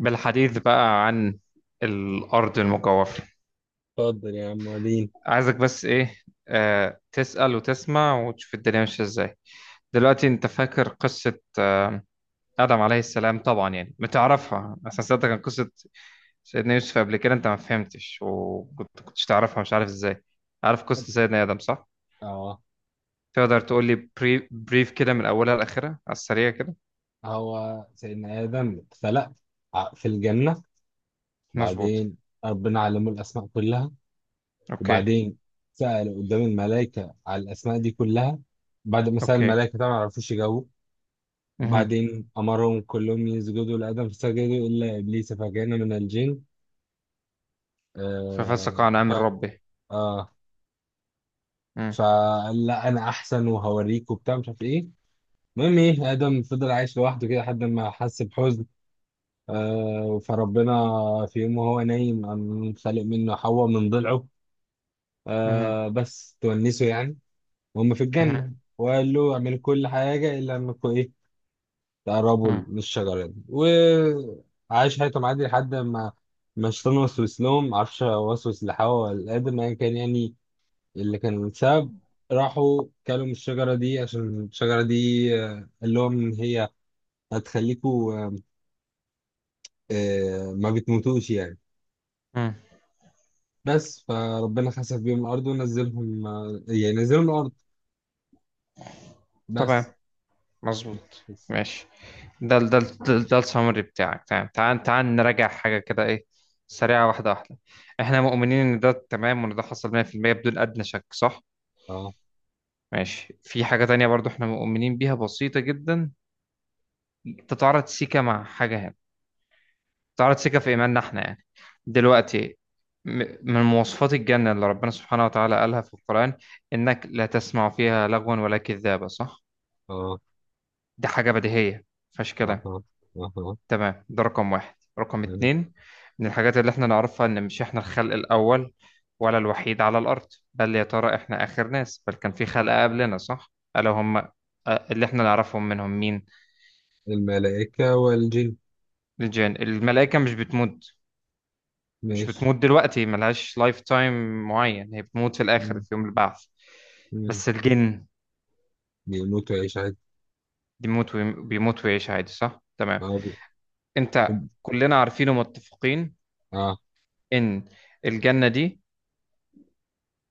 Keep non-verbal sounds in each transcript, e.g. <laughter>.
بالحديث بقى عن الأرض المجوفة. اتفضل يا عم وريني. عايزك بس إيه تسأل وتسمع وتشوف الدنيا ماشية إزاي. دلوقتي أنت فاكر قصة آدم عليه السلام؟ طبعا يعني بتعرفها أصلا. سألتك عن قصة سيدنا يوسف قبل كده أنت ما فهمتش، وكنت كنتش تعرفها، مش عارف إزاي. عارف قصة سيدنا آدم صح؟ اه، تقدر تقول لي بريف كده من أولها لآخرها على السريع كده؟ هو سيدنا آدم اتخلق في الجنة. مظبوط. بعدين ربنا علمه الأسماء كلها، أوكي. وبعدين سأل قدام الملائكة على الأسماء دي كلها. بعد ما سأل أوكي. الملائكة طبعا ما عرفوش يجاوبوا. مهم. وبعدين أمرهم كلهم يسجدوا لآدم فسجدوا إلا إبليس فكان من الجن. ففسق آه عن ف... أمر ربه. آه مم. فقال لا أنا أحسن وهوريك وبتاع مش عارف إيه. المهم إيه، آدم فضل عايش لوحده كده لحد ما حس بحزن، فربنا في يوم وهو نايم قام خالق منه حواء من ضلعه، مهم. بس تونسه يعني، وهم في مهم. الجنة. وقال له اعمل كل حاجة إلا إنكم إيه، تقربوا مهم. من الشجرة دي. وعاش حياتهم عادي لحد ما ما الشيطان وسوس لهم، معرفش هو وسوس لحواء ولا لآدم أيا كان يعني اللي كان السبب. راحوا كلوا من الشجرة دي، عشان الشجرة دي قال لهم إن هي هتخليكوا ما بتموتوش يعني. مهم. بس فربنا خسف بيهم الارض ونزلهم، يعني نزلهم الارض. بس. تمام. مظبوط. بس. ماشي. ده السمري بتاعك. تمام، تعال تعال نراجع حاجة كده، ايه سريعة، واحدة واحدة. احنا مؤمنين ان ده تمام، وان ده حصل 100% بدون ادنى شك، صح؟ اه. ماشي. في حاجة تانية برضو احنا مؤمنين بيها، بسيطة جدا، تتعارض سيكا مع حاجة هنا، تتعارض سيكا في ايماننا احنا يعني. دلوقتي، م- من مواصفات الجنة اللي ربنا سبحانه وتعالى قالها في القرآن، انك لا تسمع فيها لغوا ولا كذابة، صح؟ اه. دي حاجة بديهية مفيهاش اه. كلام. اه. اه. تمام، ده رقم واحد. رقم آه. اتنين، من الحاجات اللي احنا نعرفها، ان مش احنا الخلق الاول ولا الوحيد على الارض. بل يا ترى احنا اخر ناس؟ بل كان في خلق قبلنا، صح؟ الا هم اللي احنا نعرفهم منهم، مين؟ الملائكة والجن. الجن، الملائكة مش بتموت. مش ماشي. بتموت دلوقتي، ملهاش لايف تايم معين، هي بتموت في الاخر مم. في يوم البعث. مم. بس الجن بيموتوا يعيش عادي. بيموت ويعيش عادي، صح؟ تمام. اه. انت كلنا عارفين ومتفقين، اه. ان الجنة دي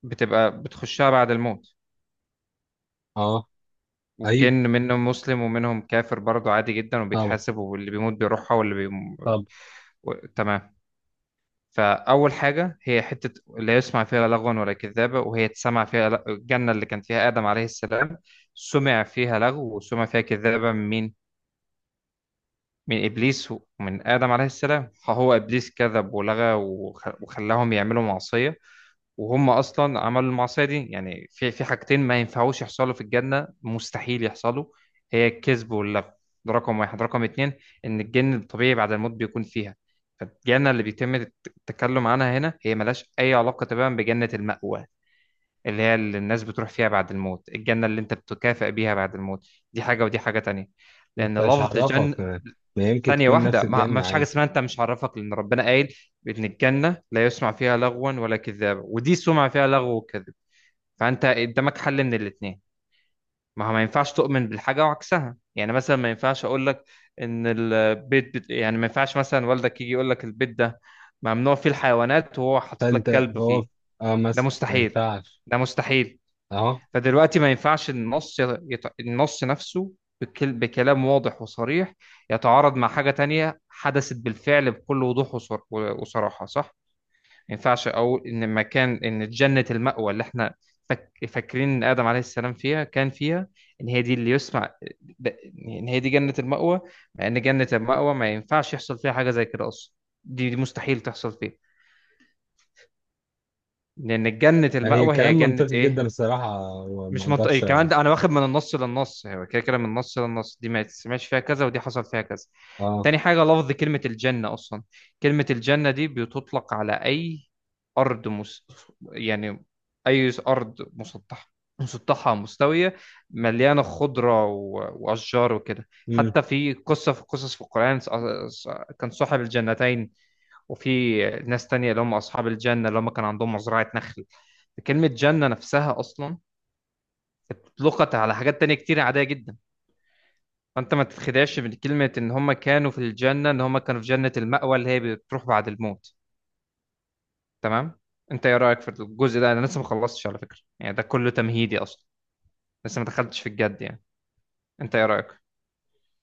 بتبقى بتخشها بعد الموت. اه. والجن ايوه، منهم مسلم ومنهم كافر برضه، عادي جدا، طبعا. وبيتحاسب، واللي بيموت بيروحها، طب تمام. فأول حاجة، هي حتة لا يسمع فيها لغوا ولا كذابة، وهي تسمع فيها الجنة اللي كان فيها آدم عليه السلام سمع فيها لغو وسمع فيها كذابة. من مين؟ من إبليس ومن آدم عليه السلام. فهو إبليس كذب ولغى وخلاهم يعملوا معصية، وهم اصلا عملوا المعصيه دي. يعني في حاجتين ما ينفعوش يحصلوا في الجنه، مستحيل يحصلوا، هي الكذب واللغو. ده رقم واحد. رقم اتنين، ان الجن الطبيعي بعد الموت بيكون فيها. فالجنه اللي بيتم التكلم عنها هنا، هي ملهاش اي علاقه تماما بجنه المأوى، اللي هي اللي الناس بتروح فيها بعد الموت، الجنة اللي انت بتكافئ بيها بعد الموت. دي حاجة ودي حاجة تانية، لأن انت مش لفظ هعرفك، جن. ما يمكن ثانية تكون نفس واحدة، ما الجنة فيش حاجة عادي. اسمها انت مش عرفك، لأن ربنا قايل بإن الجنة لا يسمع فيها لغوا ولا كذابا، ودي سمع فيها لغو وكذب. فأنت قدامك حل من الاتنين، ما هو ما ينفعش تؤمن بالحاجة وعكسها. يعني مثلا، ما ينفعش أقول لك إن البيت يعني ما ينفعش مثلا والدك يجي يقول لك البيت ده ممنوع فيه الحيوانات وهو حاطط لك فانت، كلب فهو، فيه. اه ده مثلا ما مستحيل، ينفعش. ده مستحيل. اه. فدلوقتي ما ينفعش النص النص نفسه بكلام واضح وصريح يتعارض مع حاجة تانية حدثت بالفعل بكل وضوح وصراحة، صح؟ ما ينفعش أقول إن مكان، إن جنة المأوى اللي إحنا فاكرين إن آدم عليه السلام فيها، كان فيها، إن هي دي اللي يسمع، د- إن هي دي جنة المأوى. مع إن جنة المأوى ما ينفعش يحصل فيها حاجة زي كده أصلا، دي مستحيل تحصل فيها، لأن جنة هي المأوى هي كلام جنة منطقي جدا إيه؟ الصراحة، وما مش منطقي اقدرش. كمان، ده انا واخد من النص للنص، هو كده كده من النص للنص، دي ما تسمعش فيها كذا ودي حصل فيها كذا. اه. تاني حاجة، لفظ كلمة الجنة أصلا، كلمة الجنة دي بتطلق على أي أرض يعني أي أرض مسطحة، مسطحة مستوية مليانة خضرة وأشجار وكده. حتى في قصة، في قصص في القرآن، ص- كان صاحب الجنتين، وفي ناس تانية اللي هم أصحاب الجنة، اللي هم كان عندهم مزرعة نخل. كلمة جنة نفسها أصلا اطلقت على حاجات تانية كتير عادية جدا. فانت ما تتخدعش من كلمة ان هم كانوا في الجنة، ان هم كانوا في جنة المأوى اللي هي بتروح بعد الموت. تمام. انت ايه رأيك في الجزء ده؟ انا لسه ما خلصتش على فكرة، يعني ده كله تمهيدي اصلا، لسه ما دخلتش في الجد يعني. انت ايه رأيك؟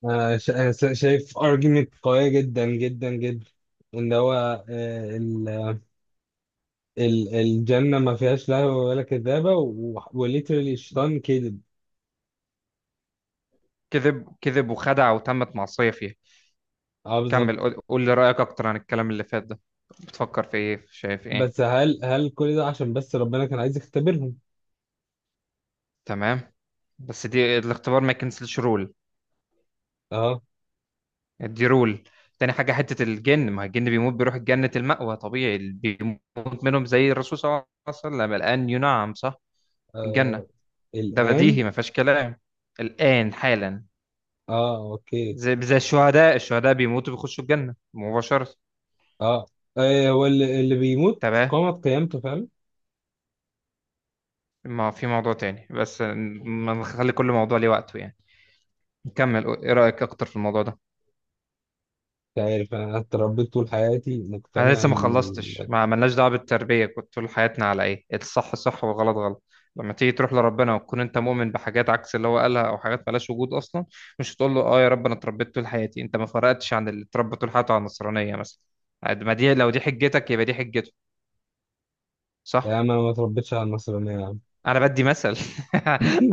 شايف argument قوية جدا جدا جدا. ان هو آه، ال- الجنة ما فيهاش لهو ولا كذابة، وليترالي الشيطان كذب. كذب كذب وخدع وتمت معصية فيها. اه، بالظبط. كمل، قول قول لي رأيك اكتر عن الكلام اللي فات ده، بتفكر في ايه، شايف ايه؟ بس هل هل كل ده عشان بس ربنا كان عايز يختبرهم؟ تمام، بس دي الاختبار ما يكنسلش رول، اه دي رول. تاني حاجة حتة الجن، ما الجن بيموت بيروح جنة المأوى طبيعي، اللي بيموت منهم زي الرسول صلى الله عليه وسلم الآن ينعم، صح؟ في الجنة. آه. ده الآن. بديهي ما فيهاش كلام، الآن حالا. اه، اوكي. زي الشهداء، الشهداء بيموتوا بيخشوا الجنة مباشرة، اه. هو اللي بيموت تمام. قامت قيامته فعلا. ما في موضوع تاني، بس ما نخلي كل موضوع ليه وقته يعني. نكمل، ايه رأيك اكتر في الموضوع ده؟ مش عارف، انا اتربيت طول حياتي انا مقتنع لسه ما ان خلصتش، ال- ما عملناش دعوه بالتربيه، كنت طول حياتنا على ايه؟ إيه الصح؟ صح، والغلط غلط. لما تيجي تروح لربنا وتكون انت مؤمن بحاجات عكس اللي هو قالها، او حاجات مالهاش وجود اصلا، مش هتقول له اه يا رب انا اتربيت طول حياتي. انت ما فرقتش عن اللي اتربى طول حياته على النصرانيه مثلا. ما دي، لو دي حجتك يبقى دي حجته، لا، صح؟ ما اتربيتش على النصرانية يا عم. انا بدي مثل. <laughs>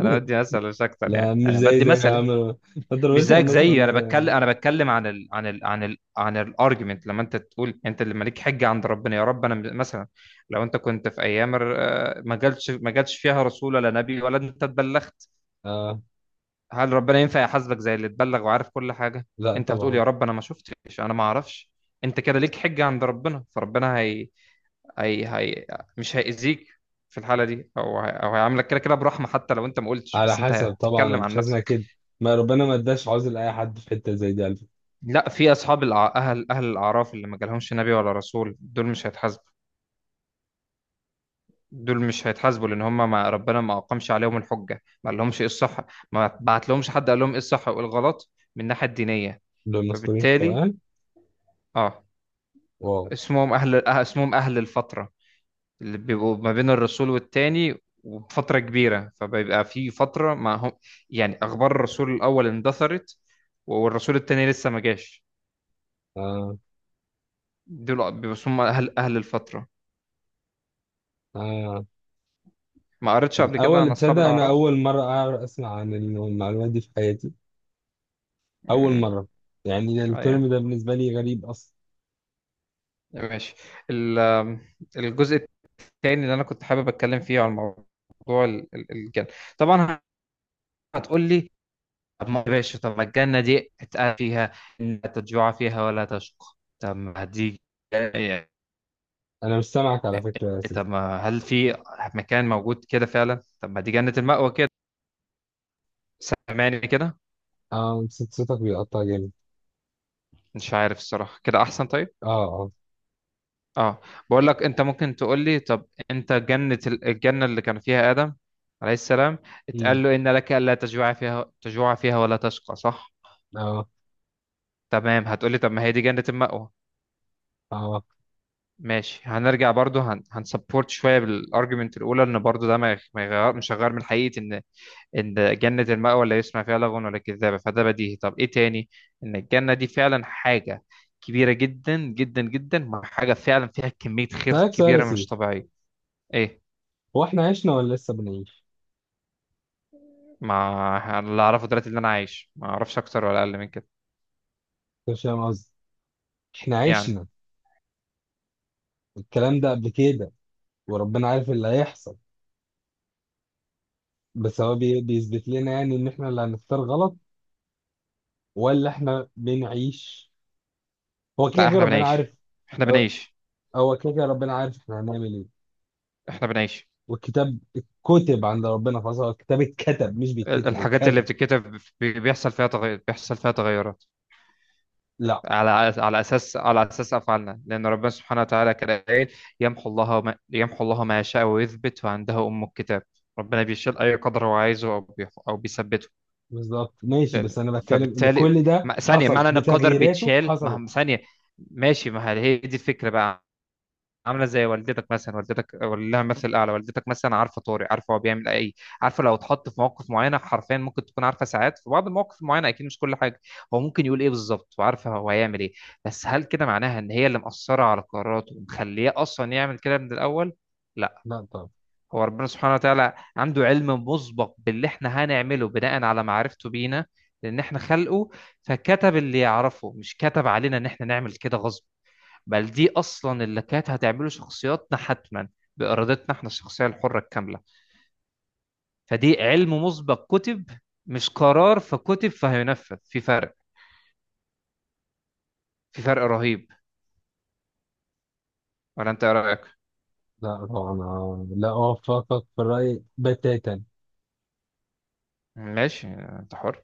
انا بدي مثل مش اكتر يعني، لا، مش انا زي بدي زي يا مثل عم، يعني. ما مش تضربش على زيك الناس زيي، اغنيه انا يعني. بتكلم انا بتكلم عن ال عن ال عن ال عن الارجيومنت. لما انت تقول انت اللي مالك حجه عند ربنا، يا رب انا مثلا، لو انت كنت في ايام ما جالش، ما جالش فيها رسول ولا نبي، ولا انت اتبلغت، اه. هل ربنا ينفع يحاسبك زي اللي اتبلغ وعارف كل حاجه؟ لا انت هتقول طبعا. يا رب انا ما شفتش، انا ما اعرفش. انت كده ليك حجه عند ربنا، فربنا هي مش هيأذيك في الحاله دي، او هيعاملك كده كده برحمه، حتى لو انت ما قلتش، على بس انت حسب، طبعا انا هتتكلم عن مش عايزها نفسك. كده. ما ربنا ما اداش عذر لاي حد في حته زي دي على فكرة. لا، في اصحاب اهل الاعراف اللي ما جالهمش نبي ولا رسول، دول مش هيتحاسبوا. دول مش هيتحاسبوا لان هم، ما ربنا ما اقامش عليهم الحجه، ما قال لهمش ايه الصح، ما بعت لهمش حد قال لهم ايه الصح وايه الغلط، من الناحيه الدينيه. دول مذكورين في فبالتالي القران. اه واو. اسمهم اهل الفتره، اللي بيبقوا ما بين الرسول والتاني وفتره كبيره، فبيبقى في فتره ما هم، يعني اخبار الرسول الاول اندثرت والرسول التاني لسه ما جاش. اه. دول بيبقوا اسمهم اهل الفتره. اه. ما قريتش قبل كده عن الاول اصحاب تصدق، انا الاعراف؟ اول مره اعرف اسمع عن المعلومه دي في حياتي. اول مم. مره. يعني ايوه. الترم ده بالنسبه لي غريب اصلا. ماشي. ال- آم، الجزء الثاني اللي انا كنت حابب اتكلم فيه، عن موضوع الجنه، طبعا. هتقول لي طب ما يا باشا، طب ما الجنه دي اتقال فيها ان لا تجوع فيها ولا تشقى، طب ما دي، انا مش سامعك على فكره يا سيدي. طب ما هل في مكان موجود كده فعلا، طب ما دي جنه المأوى كده. سامعني كده؟ اه، صوتك بيقطع جامد. مش عارف الصراحه كده احسن. طيب. اه. اه. اه. بقول لك، انت ممكن تقول لي طب انت جنة الجنة اللي كان فيها آدم عليه السلام، امم. اتقال له ان لك الا تجوع فيها، تجوع فيها ولا تشقى، صح؟ اه. تمام. هتقول لي طب ما هي دي جنة المأوى. اه. ماشي، هنرجع برضو هنسبورت شوية بالارجيومنت الاولى، ان برضو ده ما يغير، مش هيغير من حقيقة، ان ان جنة المأوى لا يسمع فيها لغو ولا كذابة، فده بديهي. طب ايه تاني؟ ان الجنة دي فعلا حاجة كبيرة جدا جدا جدا، مع حاجة فعلا فيها كمية خير اسالك سؤال يا كبيرة مش سيدي. طبيعية. ايه؟ هو احنا عشنا ولا لسه بنعيش؟ ما اللي اعرفه دلوقتي، اللي انا عايش، ما اعرفش اكتر ولا اقل من كده، مش فاهم قصدي. احنا يعني. عشنا الكلام ده قبل كده وربنا عارف اللي هيحصل؟ بس هو بيثبت لنا يعني ان احنا اللي هنختار غلط، ولا احنا بنعيش؟ هو كده لا، كده احنا ربنا عارف. بنعيش. احنا هو، بنعيش. هو كده كده ربنا عارف احنا هنعمل ايه. احنا بنعيش. والكتاب اتكتب عند ربنا خلاص، هو الكتاب اتكتب مش بيتكتب، هو الحاجات اللي اتكتب. بتتكتب بيحصل فيها تغير، بيحصل فيها تغيرات لا، على، على اساس، على اساس افعالنا، لان ربنا سبحانه وتعالى كده قايل، يمحو الله ما يمحو الله ما يشاء ويثبت وعنده ام الكتاب. ربنا بيشيل اي قدر هو عايزه او بيثبته. بالظبط، ماشي. بس ده- انا بتكلم ان فبالتالي كل ده ثانيه، حصل، معنى ان القدر بتغييراته بيتشال، ما حصلت. هم- ثانيه، ماشي، ما هي هي دي الفكره بقى. عامله زي والدتك مثلا، والدتك لها مثل اعلى، والدتك مثلا عارفه طارق، عارفه هو بيعمل ايه، عارفه لو اتحط في مواقف معينه حرفيا ممكن تكون عارفه ساعات، في بعض المواقف المعينه، اكيد مش كل حاجه، هو ممكن يقول ايه بالظبط، وعارفه هو هيعمل ايه. بس هل كده معناها ان هي اللي مأثره على قراراته ومخليه اصلا يعمل كده من الاول؟ لا. لا طب. هو ربنا سبحانه وتعالى عنده علم مسبق باللي احنا هنعمله، بناء على معرفته بينا، لان احنا خلقه، فكتب اللي يعرفه، مش كتب علينا ان احنا نعمل كده غصب، بل دي اصلا اللي كانت هتعمله شخصياتنا حتما، بارادتنا احنا، الشخصيه الحره الكامله. فدي علم مسبق كتب، مش قرار فكتب فهينفذ، في فرق، في فرق رهيب. ولا انت إيه رايك؟ لا طبعا، أنا لا اوافقك في الرأي بتاتا. ماشي، انت حر.